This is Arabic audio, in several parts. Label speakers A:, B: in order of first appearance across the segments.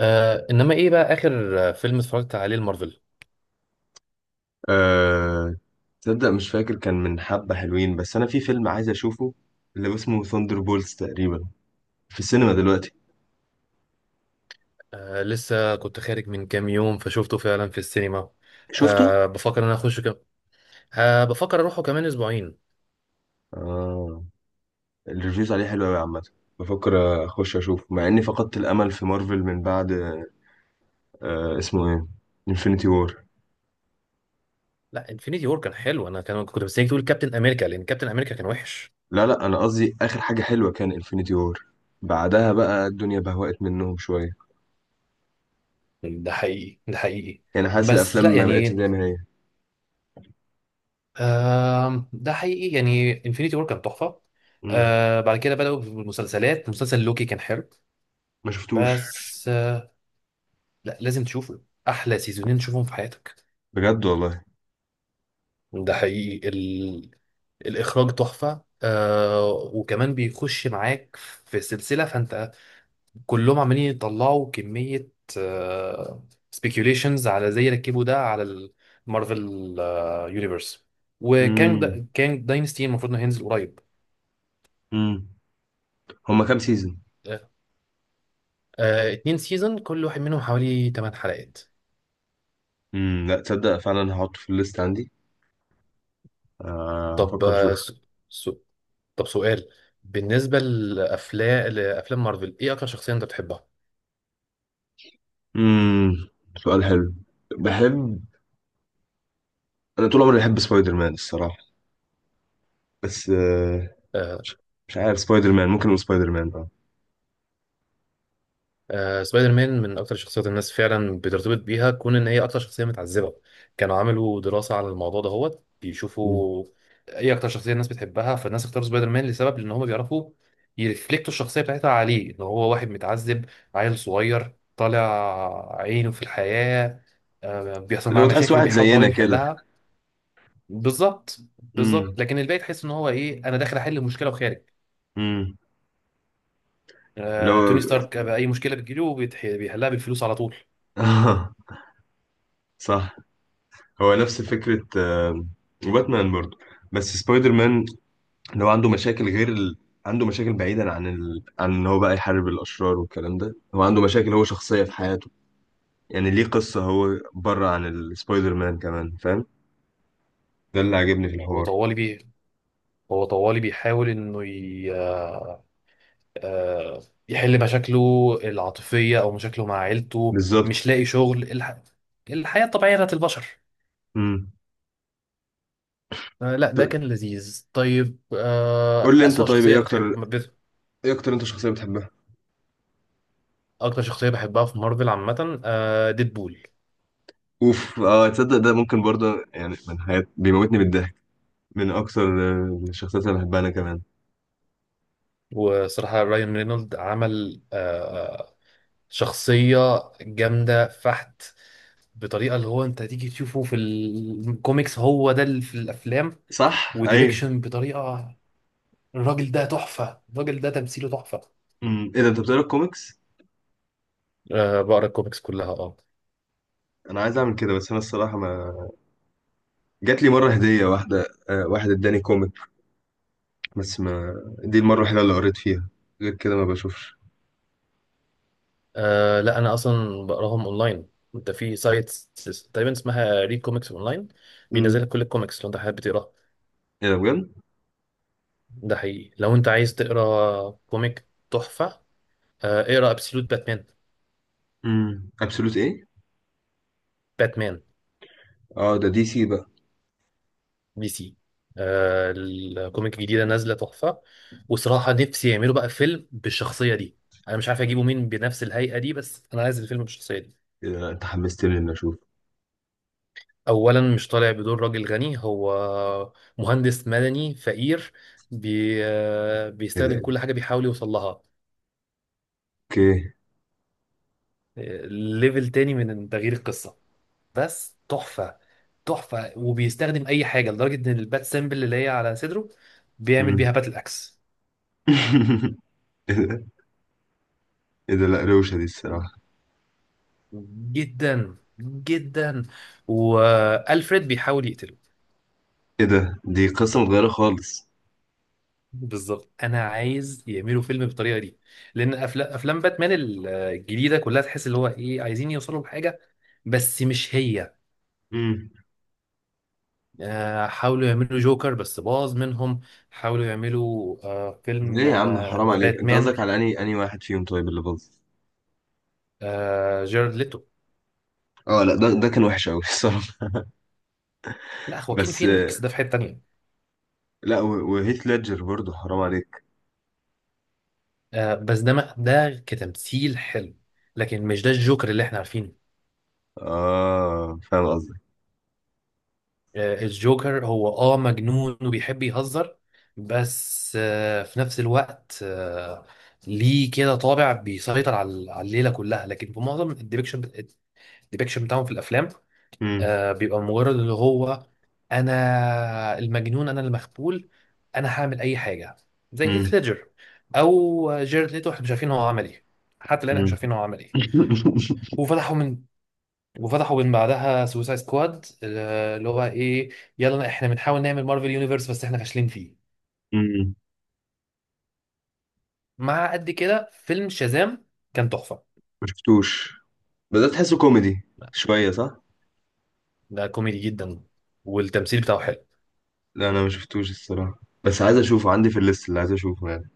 A: انما ايه بقى اخر فيلم اتفرجت عليه المارفل.
B: أه... تصدق؟ مش فاكر، كان من حبة حلوين، بس أنا في فيلم عايز أشوفه اللي اسمه ثاندر بولز تقريبا، في السينما دلوقتي.
A: لسه كنت خارج من كام يوم فشوفته فعلا في السينما.
B: شفته؟
A: بفكر ان انا اخشه بفكر اروحه كمان اسبوعين.
B: آه، الريفيوز عليه حلوة أوي عامة. بفكر أخش أشوفه مع إني فقدت الأمل في مارفل من بعد. آه، اسمه إيه؟ انفينيتي وور.
A: لا، انفينيتي وور كان حلو، انا كنت مستنيك تقول كابتن امريكا لان كابتن امريكا كان وحش.
B: لا لا، أنا قصدي آخر حاجة حلوة كان انفينيتي وور. بعدها بقى الدنيا بهوأت منهم شوية.
A: ده حقيقي، ده حقيقي.
B: يعني حاسس
A: بس
B: الأفلام
A: لا
B: ما بقتش
A: يعني،
B: زي ما هي.
A: ده حقيقي، يعني انفينيتي وور كان تحفة.
B: مم.
A: بعد كده بدأوا بالمسلسلات، مسلسل لوكي كان حلو،
B: ما شفتوش.
A: بس لا لازم تشوفه. احلى سيزونين تشوفهم في حياتك.
B: بجد والله.
A: ده حقيقي. الإخراج تحفة، وكمان بيخش معاك في سلسلة فأنت كلهم عمالين يطلعوا كمية، آه سبيكيوليشنز على زي ركبوا ده على المارفل يونيفرس. وكان
B: مم.
A: دا كان داينستي المفروض إنه هينزل قريب.
B: مم. هما كام سيزون؟
A: آه 2 سيزون، كل واحد منهم حوالي 8 حلقات.
B: لا، تصدق فعلا هحطه في الليست عندي. آه،
A: طب
B: هفكر اشوف.
A: آه سو سو طب سؤال: بالنسبة لأفلام مارفل، إيه أكتر شخصية أنت بتحبها؟
B: امم سؤال حلو. بحب انا طول عمري بحب سبايدر مان الصراحه. بس
A: آه،
B: مش مش عارف، سبايدر مان ممكن نقول سبايدر مان اه.
A: سبايدر مان من اكتر الشخصيات الناس فعلا بترتبط بيها، كون ان هي اكتر شخصيه متعذبه. كانوا عملوا دراسه على الموضوع ده، هو
B: مم.
A: بيشوفوا ايه اكتر شخصيه الناس بتحبها، فالناس اختاروا سبايدر مان لسبب ان هم بيعرفوا يرفلكتوا الشخصيه بتاعتها عليه، ان هو واحد متعذب، عيل صغير طالع عينه في الحياه، بيحصل
B: اللي هو
A: معاه
B: تحس
A: مشاكل
B: واحد
A: وبيحاول طبعا
B: زينا كده.
A: يحلها. بالظبط بالظبط،
B: امم
A: لكن الباقي تحس ان هو ايه، انا داخل احل مشكله وخارج.
B: امم اللي هو
A: توني ستارك بقى اي مشكله بتجيله بيحلها بالفلوس على طول.
B: صح. هو نفس فكره، باتمان برضه، بس سبايدر مان اللي هو عنده مشاكل غير عنده مشاكل بعيدا عن عن ان هو بقى يحارب الاشرار والكلام ده، هو عنده مشاكل، هو شخصيه في حياته. يعني ليه قصة، هو بره عن السبايدر مان كمان، فاهم. ده اللي عاجبني في
A: هو
B: الحوار.
A: طوالي بيه هو طوالي بيحاول آه، يحل مشاكله العاطفية او مشاكله مع عيلته، مش
B: بالظبط.
A: لاقي شغل، الحياة الطبيعية بتاعت البشر.
B: امم
A: لا ده كان لذيذ. طيب،
B: قول لي انت
A: أسوأ
B: طيب،
A: شخصية
B: ايه اكتر انت شخصية بتحبها.
A: أكتر شخصية بحبها في مارفل عامة، ديدبول.
B: اوف، اه تصدق ده ممكن برضه يعني، من حياة بيموتني بالضحك. من اكتر الشخصيات اللي بحبها انا كمان.
A: وصراحة رايان رينولد عمل شخصية جامدة فحت، بطريقة اللي هو أنت تيجي تشوفه في الكوميكس هو ده اللي في الأفلام.
B: صح، ايوه.
A: وديبكشن بطريقة، الراجل ده تحفة، الراجل ده تمثيله تحفة.
B: ايه ده، انت بتقرا كوميكس؟
A: أه بقرا الكوميكس كلها اه.
B: انا عايز اعمل كده، بس انا الصراحة ما جات لي مرة هدية واحدة واحد اداني كوميك، بس ما، دي المرة الوحيدة اللي قريت فيها، غير كده ما بشوفش.
A: لا انا اصلا بقراهم اونلاين. انت في سايت تقريبا اسمها ريد كوميكس اونلاين، بينزل
B: امم
A: لك كل الكوميكس لو انت حابب تقرا.
B: ايه ده، بجد؟
A: ده حقيقي، لو انت عايز تقرا كوميك تحفه، اقرا ابسولوت باتمان.
B: ابسولوت ايه؟
A: باتمان
B: اه، ده دي سي بقى.
A: دي سي. الكوميك الجديده نازله تحفه، وصراحه نفسي يعملوا بقى فيلم بالشخصيه دي. انا مش عارف اجيبه مين بنفس الهيئه دي، بس انا عايز الفيلم بالشخصيه دي.
B: إيه ده، انت حمستني اني اشوف.
A: اولا مش طالع بدور راجل غني، هو مهندس مدني فقير، بي
B: ايه
A: بيستخدم
B: ده؟
A: كل حاجه بيحاول يوصل لها.
B: اوكي.
A: ليفل تاني من تغيير القصه، بس تحفه. تحفه وبيستخدم اي حاجه لدرجه ان البات سيمبل اللي هي على صدره بيعمل
B: مم.
A: بيها باتل اكس.
B: ايه ده. ايه ده، لا روشة دي الصراحة.
A: جدا جدا. والفريد بيحاول يقتله.
B: ايه ده، دي قصة متغيرة خالص.
A: بالظبط، انا عايز يعملوا فيلم بالطريقه دي، لان افلام باتمان الجديده كلها تحس اللي هو ايه، عايزين يوصلوا لحاجه بس مش هي.
B: مم.
A: حاولوا يعملوا جوكر بس باظ منهم. حاولوا يعملوا فيلم
B: ليه يا عم، حرام
A: ذا
B: عليك، انت
A: باتمان،
B: قصدك على اني واحد فيهم طيب اللي باظ؟
A: جيرارد ليتو.
B: اه لا، ده كان وحش قوي، الصراحة.
A: لا خواكين
B: بس
A: فينيكس ده في حته تانيه.
B: لا، وهيث ليدجر برضه حرام عليك.
A: بس ده ده كتمثيل حلو لكن مش ده الجوكر اللي احنا عارفينه.
B: اه، فاهم قصدك.
A: الجوكر هو اه مجنون وبيحب يهزر، بس في نفس الوقت ليه كده طابع بيسيطر على الليله كلها، لكن في معظم الديبكشن، الديبكشن بتاعهم في الافلام
B: مم.
A: بيبقى مجرد اللي هو انا المجنون، انا المخبول، انا هعمل اي حاجه، زي
B: مم.
A: هيث ليدجر او جيرد ليتو، احنا مش عارفين هو عمل ايه. حتى الان احنا مش
B: مم.
A: عارفين هو عمل ايه. وفتحوا من وفتحوا من بعدها سوسايد سكواد، اللي هو ايه، يلا احنا بنحاول نعمل مارفل يونيفرس بس احنا فاشلين فيه.
B: مم.
A: مع قد كده فيلم شازام كان تحفة.
B: ما شفتوش. بدأت تحسه كوميدي شوية، صح؟
A: ده كوميدي جدا والتمثيل بتاعه حلو.
B: لا انا ما شفتوش الصراحه، بس عايز اشوفه عندي في الليست اللي عايز اشوفه يعني.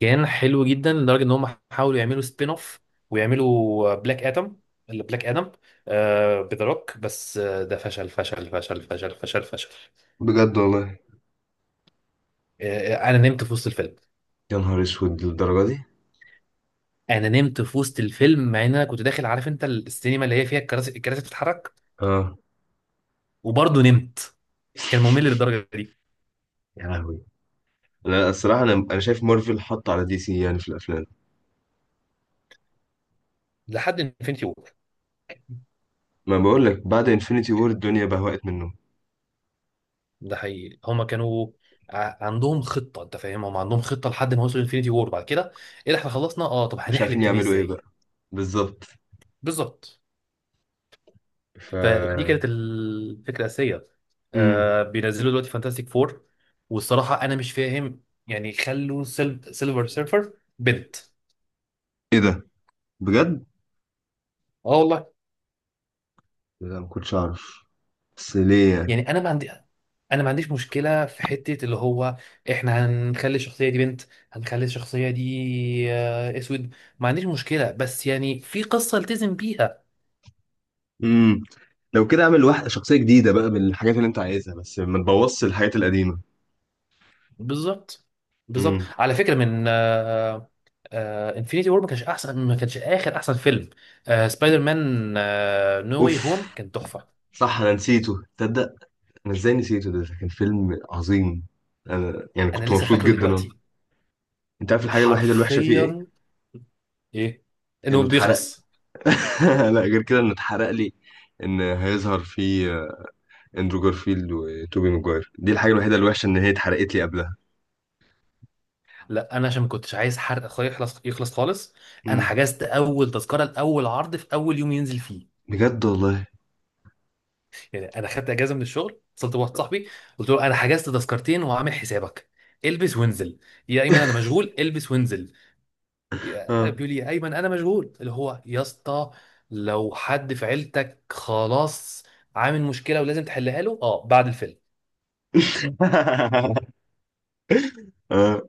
A: كان حلو جدا لدرجة ان هم حاولوا يعملوا سبين اوف ويعملوا بلاك ادم. اللي بلاك ادم آه بذا روك بس آه ده فشل فشل فشل فشل فشل فشل.
B: بجد والله.
A: انا نمت في وسط الفيلم.
B: يا نهار اسود، للدرجه دي؟
A: انا نمت في وسط الفيلم مع ان انا كنت داخل، عارف انت السينما اللي هي فيها الكراسي بتتحرك،
B: اه.
A: وبرضه نمت. كان ممل للدرجه دي.
B: يا لهوي. لا الصراحه، انا شايف مارفل حط على دي سي يعني في الافلام.
A: لحد انفينيتي وور.
B: ما بقول لك، بعد انفينيتي وور الدنيا بهوأت منهم.
A: ده حقيقي، هما كانوا عندهم خطه، انت فاهم، هما عندهم خطه لحد ما وصلوا انفينيتي وور. بعد كده ايه ده، احنا خلصنا اه، طب
B: مش
A: هنحلب
B: عارفين
A: تاني
B: يعملوا ايه
A: ازاي.
B: بقى. بالظبط.
A: بالظبط.
B: ف
A: فدي كانت الفكره الاساسيه.
B: امم
A: آه بينزلوا دلوقتي فانتاستيك فور، والصراحه انا مش فاهم يعني خلوا سيلفر سيرفر بنت.
B: ايه ده، بجد؟
A: اه والله.
B: لا، ما كنتش اعرف، بس ليه يعني؟
A: يعني انا ما عندي انا ما عنديش مشكله في حته اللي هو احنا هنخلي الشخصيه دي بنت، هنخلي الشخصيه دي اسود، ما عنديش مشكله، بس يعني في قصه التزم بيها.
B: امم لو كده اعمل واحده شخصيه جديده بقى من الحاجات اللي انت عايزها، بس ما تبوظش الحاجات القديمه.
A: بالظبط، بالظبط.
B: امم
A: على فكره، انفينيتي وور ما كانش احسن، ما كانش اخر احسن فيلم. سبايدر مان نو واي
B: اوف،
A: هوم كان تحفه.
B: صح انا نسيته، تصدق انا ازاي نسيته، ده كان فيلم عظيم. انا يعني
A: انا
B: كنت
A: لسه
B: مبسوط
A: فاكره
B: جدا أنا.
A: دلوقتي
B: انت عارف الحاجه الوحيده الوحشه فيه ايه؟
A: حرفيا. ايه، انه
B: انه اتحرق.
A: بيخلص.
B: لا، غير كده انه اتحرق لي، ان هيظهر فيه اندرو جارفيلد وتوبي ماجواير، دي الحاجه الوحيده الوحشه، ان هي اتحرقت لي قبلها.
A: لا انا عشان ما كنتش عايز حرق، يخلص يخلص خالص. انا
B: مم.
A: حجزت اول تذكره لاول عرض في اول يوم ينزل فيه.
B: بجد والله.
A: يعني انا خدت اجازه من الشغل، اتصلت بواحد صاحبي قلت له انا حجزت تذكرتين وعامل حسابك، البس وانزل. يا ايمن انا مشغول. البس وانزل.
B: اه.
A: بيقول لي يا ايمن انا مشغول، اللي هو يا اسطى لو حد في عيلتك خلاص عامل مشكله ولازم تحلها له اه بعد الفيلم.
B: اه،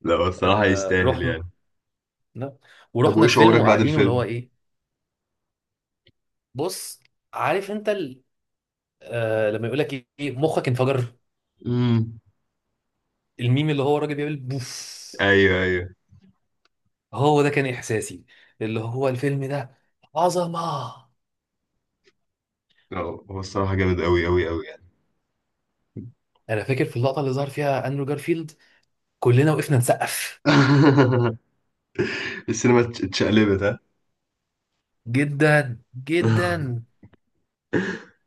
B: لا هو الصراحه
A: آه
B: يستاهل
A: رحنا،
B: يعني. طب
A: ورحنا
B: وايه
A: الفيلم
B: شعورك بعد
A: وقاعدين واللي هو
B: الفيلم؟
A: ايه. بص، عارف انت آه لما يقول لك ايه، مخك انفجر،
B: امم
A: الميم اللي هو الراجل بيعمل بوف،
B: ايوه، ايوه.
A: هو ده كان احساسي. اللي هو الفيلم ده عظمه.
B: لا، هو الصراحه جامد قوي قوي قوي يعني.
A: انا فاكر في اللقطه اللي ظهر فيها اندرو جارفيلد كلنا وقفنا نسقف.
B: السينما اتشقلبت، ها.
A: جدا جدا.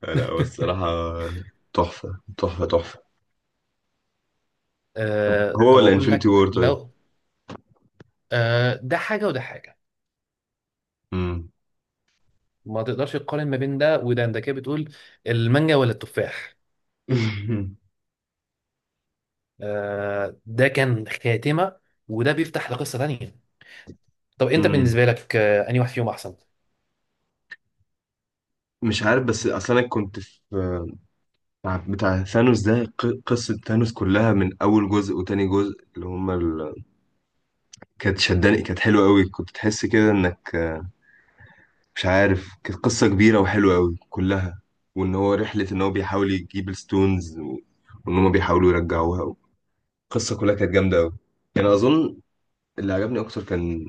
B: لا بس الصراحة، تحفة تحفة تحفة. طب
A: آه
B: هو
A: طب
B: ولا
A: اقول
B: انفينيتي وور
A: لك
B: طيب؟
A: لو آه ده حاجه وده حاجه.
B: مم.
A: ما تقدرش تقارن ما بين ده وده، انت كده بتقول المانجا ولا التفاح. آه ده كان خاتمه وده بيفتح لقصه تانيه. طب انت
B: مم.
A: بالنسبه لك آه انهي واحد فيهم احسن؟
B: مش عارف، بس اصل انا كنت في بتاع ثانوس ده، قصة ثانوس كلها من اول جزء وتاني جزء اللي هما كانت شداني، كانت حلوة قوي، كنت تحس كده انك، مش عارف، كانت قصة كبيرة وحلوة قوي كلها، وان هو رحلة ان هو بيحاول يجيب الستونز وان هما بيحاولوا يرجعوها. القصة كلها كانت جامدة قوي، يعني اظن اللي عجبني اكتر كان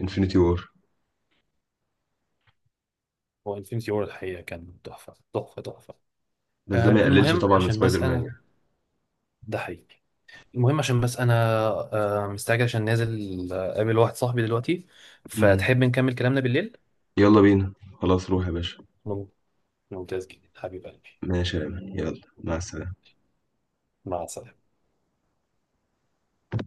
B: انفينيتي وور.
A: هو الفيلم سيور الحقيقة كان تحفة تحفة تحفة.
B: بس ده ما
A: آه
B: يقللش
A: المهم
B: طبعا من
A: عشان
B: سبايدر
A: بس
B: مان
A: أنا
B: يعني.
A: ده حقيقي. المهم عشان بس أنا مستعجل عشان نازل، أقابل واحد صاحبي دلوقتي،
B: مم.
A: فتحب نكمل كلامنا بالليل؟
B: يلا بينا، خلاص روح يا باشا.
A: مم- ممتاز جدا حبيب قلبي.
B: ماشي يا أمان. يلا مع السلامة.
A: مع السلامة.